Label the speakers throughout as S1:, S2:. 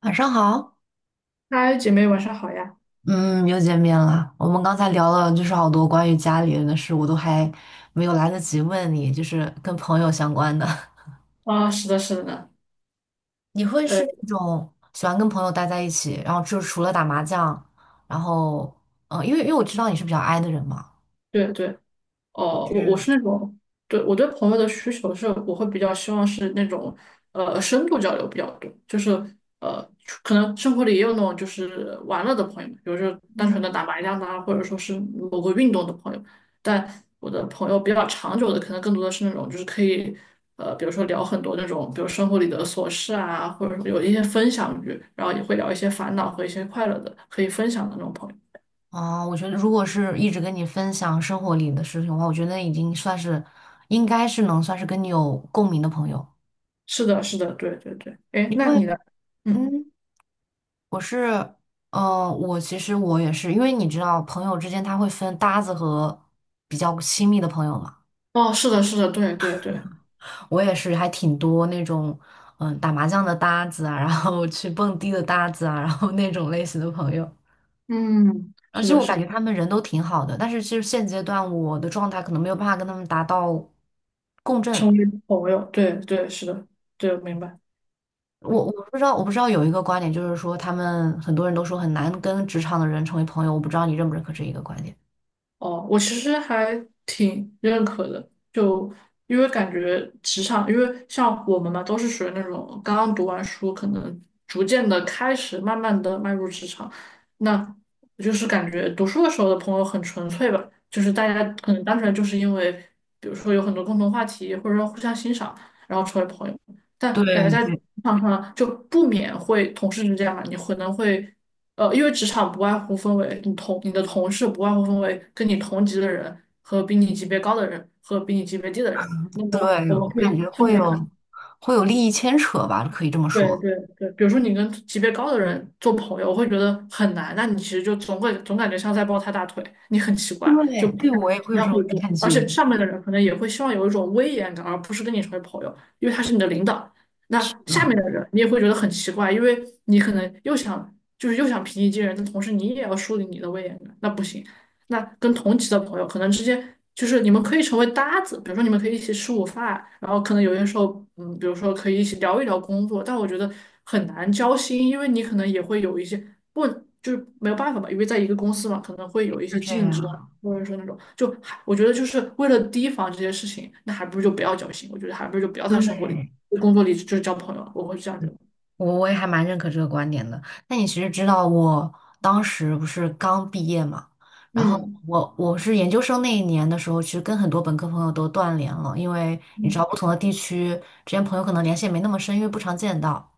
S1: 晚上好，
S2: 嗨，姐妹，晚上好呀！
S1: 嗯，又见面了。我们刚才聊了就是好多关于家里人的事，我都还没有来得及问你，就是跟朋友相关的。
S2: 啊，是的，是的呢，
S1: 你会
S2: 呃，
S1: 是那种喜欢跟朋友待在一起，然后就除了打麻将，然后因为我知道你是比较 i 的人嘛，
S2: 对对。
S1: 就
S2: 哦，我
S1: 是
S2: 是那种。对，我对朋友的需求是，我会比较希望是那种，深度交流比较多，就是呃，可能生活里也有那种就是玩乐的朋友，比如说单纯
S1: 嗯，
S2: 的打麻将的啊，或者说是某个运动的朋友。但我的朋友比较长久的，可能更多的是那种就是可以，比如说聊很多那种，比如生活里的琐事啊，或者有一些分享欲，然后也会聊一些烦恼和一些快乐的，可以分享的那种朋友。
S1: 我觉得如果是一直跟你分享生活里的事情的话，我觉得已经算是应该是能算是跟你有共鸣的朋友。
S2: 是的，是的，对对对。哎，
S1: 你
S2: 那
S1: 会
S2: 你的。嗯。
S1: 嗯。我是，我其实我也是，因为你知道，朋友之间他会分搭子和比较亲密的朋友嘛。
S2: 哦，是的，是的，对对对。
S1: 我也是，还挺多那种，嗯，打麻将的搭子啊，然后 去蹦迪的搭子啊，然后那种类型的朋友。
S2: 嗯，
S1: 而
S2: 是
S1: 且
S2: 的，
S1: 我
S2: 是
S1: 感
S2: 的。
S1: 觉他们人都挺好的，但是其实现阶段我的状态可能没有办法跟他们达到共振。
S2: 成为朋友，对对，是的。对，明白。对。
S1: 我不知道，我不知道有一个观点，就是说他们很多人都说很难跟职场的人成为朋友，我不知道你认不认可这一个观点。
S2: 哦，我其实还挺认可的，就因为感觉职场，因为像我们嘛，都是属于那种刚刚读完书，可能逐渐的开始，慢慢的迈入职场。那就是感觉读书的时候的朋友很纯粹吧，就是大家可能单纯就是因为，比如说有很多共同话题，或者说互相欣赏，然后成为朋友。但感觉
S1: 对，
S2: 在职场上就不免会同事之间嘛，你可能会。因为职场不外乎分为你的同事不外乎分为跟你同级的人和比你级别高的人和比你级别低的人。那么
S1: 对，
S2: 我
S1: 我
S2: 们可
S1: 感
S2: 以
S1: 觉
S2: 这
S1: 会
S2: 么看。
S1: 有会有利益牵扯吧，可以这么
S2: 对
S1: 说。
S2: 对对，比如说你跟级别高的人做朋友，我会觉得很难，那你其实就总感觉像在抱他大腿，你很奇怪，就
S1: 对，
S2: 不
S1: 对我
S2: 太
S1: 也会
S2: 不
S1: 有
S2: 太
S1: 这种
S2: 会做，
S1: 感
S2: 而
S1: 觉，
S2: 且上面的人可能也会希望有一种威严感，而不是跟你成为朋友，因为他是你的领导。
S1: 是
S2: 那
S1: 的，
S2: 下面的人你也会觉得很奇怪，因为你可能又想平易近人，但同时你也要树立你的威严感，那不行。那跟同级的朋友可能之间就是你们可以成为搭子，比如说你们可以一起吃午饭，然后可能有些时候，比如说可以一起聊一聊工作，但我觉得很难交心，因为你可能也会有一些不就是没有办法吧，因为在一个公司嘛，可能会有一
S1: 是
S2: 些
S1: 这
S2: 竞争啊
S1: 样。
S2: 或者说那种就还我觉得就是为了提防这些事情，那还不如就不要交心，我觉得还不如就不要在生活里、
S1: 对，
S2: 工作里就是交朋友啊，我会这样觉得。
S1: 我我也还蛮认可这个观点的。那你其实知道，我当时不是刚毕业嘛，然后
S2: 嗯，
S1: 我是研究生那一年的时候，其实跟很多本科朋友都断联了，因为你知
S2: 嗯，
S1: 道，不同的地区之间朋友可能联系也没那么深，因为不常见到。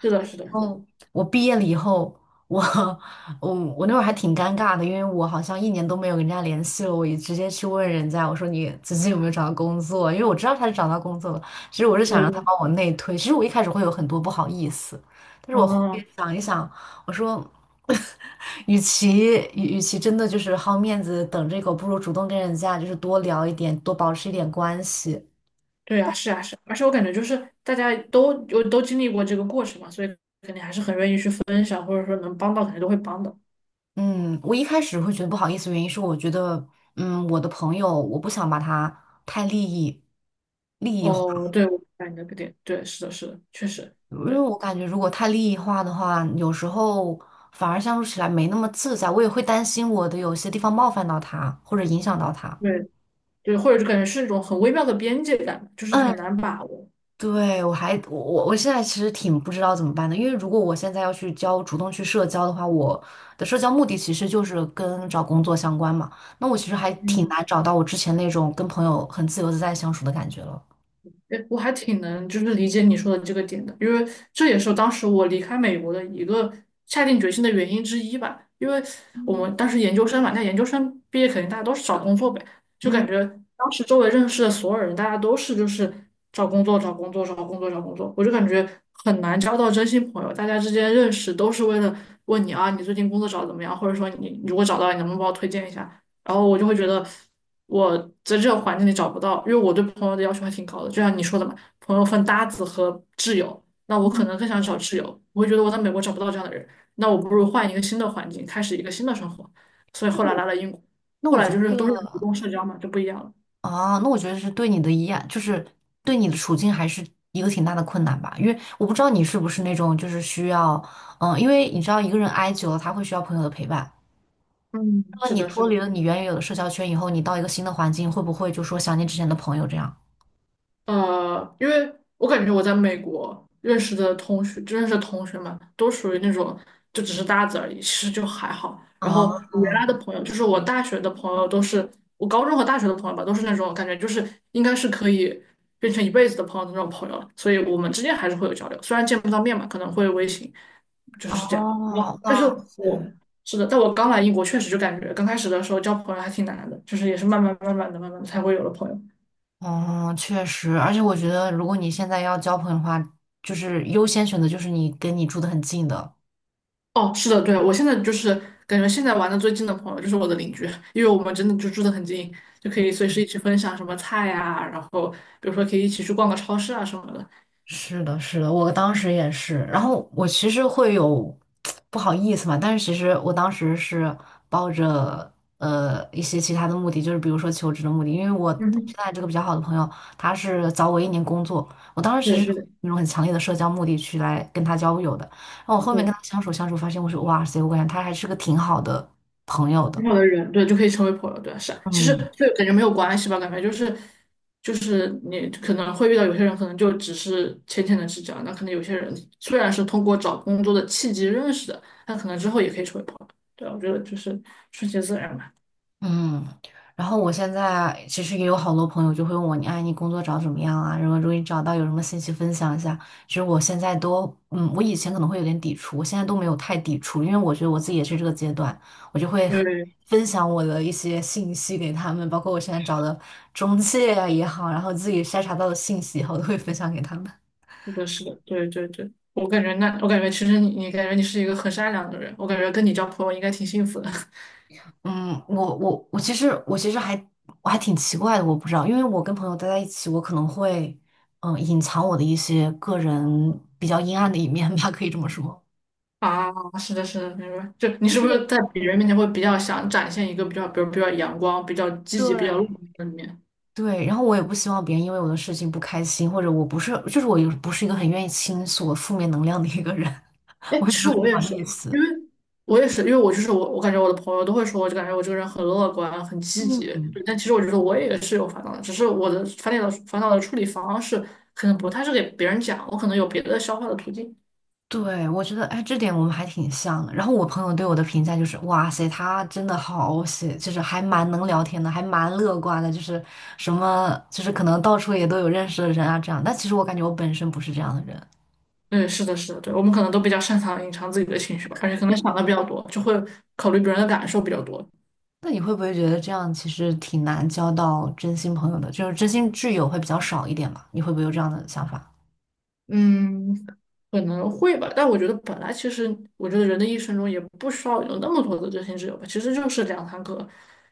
S2: 是的，是的，是的，
S1: 嗯，我毕业了以后，我 我那会儿还挺尴尬的，因为我好像一年都没有跟人家联系了，我也直接去问人家，我说你最近有没有找到工作？因为我知道他是找到工作了，其实我是想
S2: 对
S1: 让他
S2: 对，
S1: 帮我内推，其实我一开始会有很多不好意思，但是我后面
S2: 嗯。
S1: 想一想，我说。与其真的就是好面子等这个，不如主动跟人家就是多聊一点，多保持一点关系。
S2: 对啊，是啊，是啊而且我感觉就是大家都经历过这个过程嘛，所以肯定还是很愿意去分享，或者说能帮到肯定都会帮的。
S1: 嗯，我一开始会觉得不好意思，原因是我觉得，嗯，我的朋友，我不想把他太利益利益化，
S2: 哦，对，我明白你的点，对，是的，是的，确实，
S1: 因为
S2: 对，
S1: 我感觉如果太利益化的话，有时候反而相处起来没那么自在，我也会担心我的有些地方冒犯到他，或者影响到他。
S2: 对，对，或者就感觉是一种很微妙的边界感，就是
S1: 嗯
S2: 很难把握。
S1: 对，我还我现在其实挺不知道怎么办的，因为如果我现在要去交主动去社交的话，我的社交目的其实就是跟找工作相关嘛。那我其实还挺
S2: 嗯，
S1: 难找到我之前那种跟朋友很自由自在相处的感觉了。
S2: 哎，我还挺能就是理解你说的这个点的，因为这也是当时我离开美国的一个下定决心的原因之一吧。因为我
S1: 嗯
S2: 们当时研究生嘛，那研究生毕业肯定大家都是找工作呗，就感
S1: 嗯，
S2: 觉当时周围认识的所有人，大家都是就是找工作、找工作、找工作、找工作，我就感觉很难交到真心朋友。大家之间认识都是为了问你啊，你最近工作找的怎么样，或者说你如果找到了你能不能帮我推荐一下？然后我就会觉得我在这个环境里找不到，因为我对朋友的要求还挺高的，就像你说的嘛，朋友分搭子和挚友，那我可
S1: 嗯，
S2: 能更想
S1: 对，
S2: 找挚友，我会觉得我在美国找不到这样的人，那我不如换一个新的环境，开始一个新的生活，所以后来来了英国，
S1: 那
S2: 后
S1: 我
S2: 来
S1: 觉得
S2: 就
S1: 这
S2: 是都是主
S1: 个
S2: 动社交嘛，就不一样了。
S1: 那我觉得是对你的一赖，就是对你的处境还是一个挺大的困难吧。因为我不知道你是不是那种就是需要，嗯，因为你知道一个人挨久了，他会需要朋友的陪伴。
S2: 嗯，
S1: 那么
S2: 是
S1: 你
S2: 的，是
S1: 脱
S2: 的。
S1: 离了你原有的社交圈以后，你到一个新的环境，会不会就说想念之前的朋友这样？
S2: 因为我感觉我在美国认识的同学们都属于那种就只是搭子而已，其实就还好。然后
S1: 啊
S2: 我原来的朋友，就是我大学的朋友，都是我高中和大学的朋友吧，都是那种感觉就是应该是可以变成一辈子的朋友的那种朋友，所以我们之间还是会有交流，虽然见不到面嘛，可能会微信，就
S1: 啊，
S2: 是这样。哇，但是
S1: 哇塞，
S2: 我是的，但我刚来英国确实就感觉刚开始的时候交朋友还挺难的，就是也是慢慢慢慢的慢慢地才会有了朋友。
S1: 哦，确实，而且我觉得，如果你现在要交朋友的话，就是优先选择就是你跟你住的很近的。
S2: 哦，是的，对，我现在就是感觉现在玩的最近的朋友就是我的邻居，因为我们真的就住得很近，就可以随时一起分享什么菜呀、然后比如说可以一起去逛个超市啊什么的。
S1: 是的，是的，我当时也是。然后我其实会有 不好意思嘛，但是其实我当时是抱着一些其他的目的，就是比如说求职的目的，因为我
S2: 嗯
S1: 现
S2: 哼，
S1: 在这个比较好的朋友，他是早我一年工作，我当时其
S2: 对
S1: 实是
S2: 对
S1: 那种很强烈的社交目的去来跟他交友的。然后我后面跟
S2: 对，
S1: 他相处相处，发现我说哇塞，我感觉他还是个挺好的朋友的。
S2: 很好的人，对，就可以成为朋友，对，是啊。其实
S1: 嗯。
S2: 就感觉没有关系吧，感觉就是你可能会遇到有些人，可能就只是浅浅的知交，那可能有些人虽然是通过找工作的契机认识的，但可能之后也可以成为朋友。对，我觉得就是顺其自然吧。
S1: 嗯，然后我现在其实也有好多朋友就会问我，你哎，你工作找的怎么样啊？如果你找到有什么信息分享一下。其实我现在都，嗯，我以前可能会有点抵触，我现在都没有太抵触，因为我觉得我自己也是这个阶段，我就会
S2: 对，
S1: 分享我的一些信息给他们，包括我现在找的中介啊也好，然后自己筛查到的信息以后都会分享给他们。
S2: 是的，是的，对对对，我感觉那，我感觉其实你，你感觉你是一个很善良的人，我感觉跟你交朋友应该挺幸福的。
S1: 嗯，我其实我其实还我还挺奇怪的，我不知道，因为我跟朋友待在一起，我可能会隐藏我的一些个人比较阴暗的一面吧，可以这么说。
S2: 啊，是的，是的，明白。就你
S1: 就
S2: 是不
S1: 是
S2: 是在别人面前会比较想展现一个比较，比如比较阳光、比较积极、比较乐
S1: 对，
S2: 观的一面？
S1: 对，然后我也不希望别人因为我的事情不开心，或者我不是，就是我又不是一个很愿意倾诉我负面能量的一个人，
S2: 哎，
S1: 我会
S2: 其
S1: 觉
S2: 实
S1: 得不
S2: 我也
S1: 好
S2: 是，
S1: 意思。
S2: 因为我也是，因为我就是我，我感觉我的朋友都会说，我就感觉我这个人很乐观、很积
S1: 嗯，
S2: 极。
S1: 嗯。
S2: 对，但其实我觉得我也是有烦恼的，只是我的烦恼的处理方式可能不太是给别人讲，我可能有别的消化的途径。
S1: 对，我觉得，哎，这点我们还挺像的。然后我朋友对我的评价就是，哇塞，他真的好写，就是还蛮能聊天的，还蛮乐观的，就是什么，就是可能到处也都有认识的人啊，这样。但其实我感觉我本身不是这样的人。
S2: 对，是的，是的，对，我们可能都比较擅长隐藏自己的情绪吧，而且可能想的比较多，就会考虑别人的感受比较多，
S1: 那你会不会觉得这样其实挺难交到真心朋友的？就是真心挚友会比较少一点嘛？你会不会有这样的想法？
S2: 嗯，可能会吧，但我觉得本来其实，我觉得人的一生中也不需要有那么多的真心挚友吧，其实就是两三个，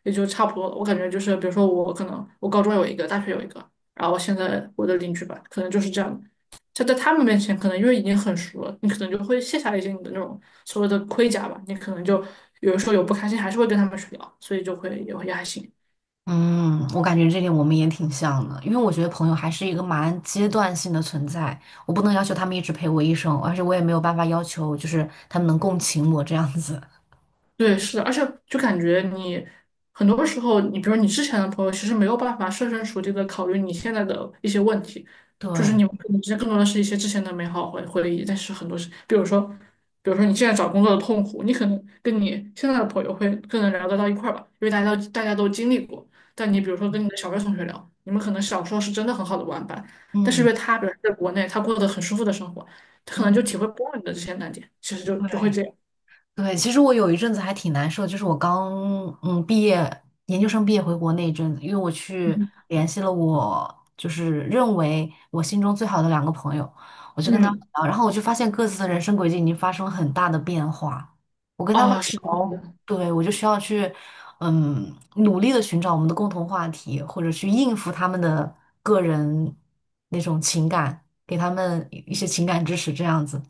S2: 也就差不多了。我感觉就是，比如说我可能我高中有一个，大学有一个，然后现在我的邻居吧，可能就是这样的。就在他们面前，可能因为已经很熟了，你可能就会卸下一些你的那种所谓的盔甲吧，你可能就有的时候有不开心，还是会跟他们去聊，所以就会也还行。
S1: 嗯，我感觉这点我们也挺像的，因为我觉得朋友还是一个蛮阶段性的存在，我不能要求他们一直陪我一生，而且我也没有办法要求就是他们能共情我这样子。
S2: 对，是的，而且就感觉你很多时候，你比如你之前的朋友，其实没有办法设身处地的考虑你现在的一些问题，就是
S1: 对，
S2: 你们可能之间更多的是一些之前的美好回忆，但是很多是，比如说你现在找工作的痛苦，你可能跟你现在的朋友会更能聊得到一块儿吧，因为大家都经历过。但你比
S1: 嗯
S2: 如说跟你的小学同学聊，你们可能小时候是真的很好的玩伴，但是因
S1: 嗯
S2: 为他比如说在国内，他过得很舒服的生活，他可能
S1: 嗯，
S2: 就体会不到你的这些难点，其实
S1: 对，
S2: 就会这样。
S1: 对，其实我有一阵子还挺难受，就是我刚毕业，研究生毕业回国那一阵子，因为我去联系了我就是认为我心中最好的两个朋友，我就
S2: 嗯
S1: 跟他们
S2: 嗯
S1: 聊，然后我就发现各自的人生轨迹已经发生了很大的变化。我跟他们
S2: 啊，是的，是的，
S1: 聊，对，我就需要去嗯努力的寻找我们的共同话题，或者去应付他们的个人那种情感，给他们一些情感支持这样子。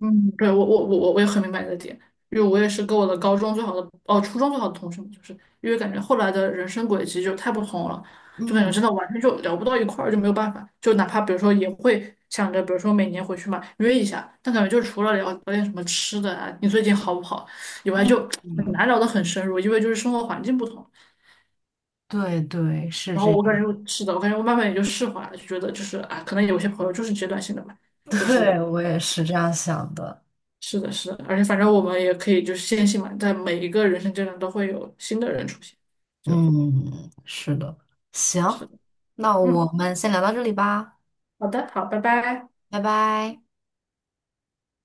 S2: 嗯，对，我也很明白你的点，因为我也是跟我的高中最好的，哦，初中最好的同学嘛，就是因为感觉后来的人生轨迹就太不同了，就感觉
S1: 嗯
S2: 真的完全就聊不到一块儿，就没有办法，就哪怕比如说也会想着，比如说每年回去嘛约一下，但感觉就除了聊聊点什么吃的啊，你最近好不好以外，就
S1: 嗯。
S2: 很
S1: 嗯
S2: 难聊得很深入，因为就是生活环境不同。
S1: 对对，是
S2: 然
S1: 这
S2: 后我感
S1: 样，
S2: 觉是的，我感觉我慢慢也就释怀了，就觉得就是啊，可能有些朋友就是阶段性的吧。就是
S1: 对，我也是这样想的。
S2: 是的，是的，而且反正我们也可以就是坚信嘛，在每一个人生阶段都会有新的人出现。
S1: 嗯，是的，行，
S2: 是的，
S1: 那我
S2: 嗯，
S1: 们先聊到这里吧，
S2: 好的，好，拜拜。
S1: 拜拜。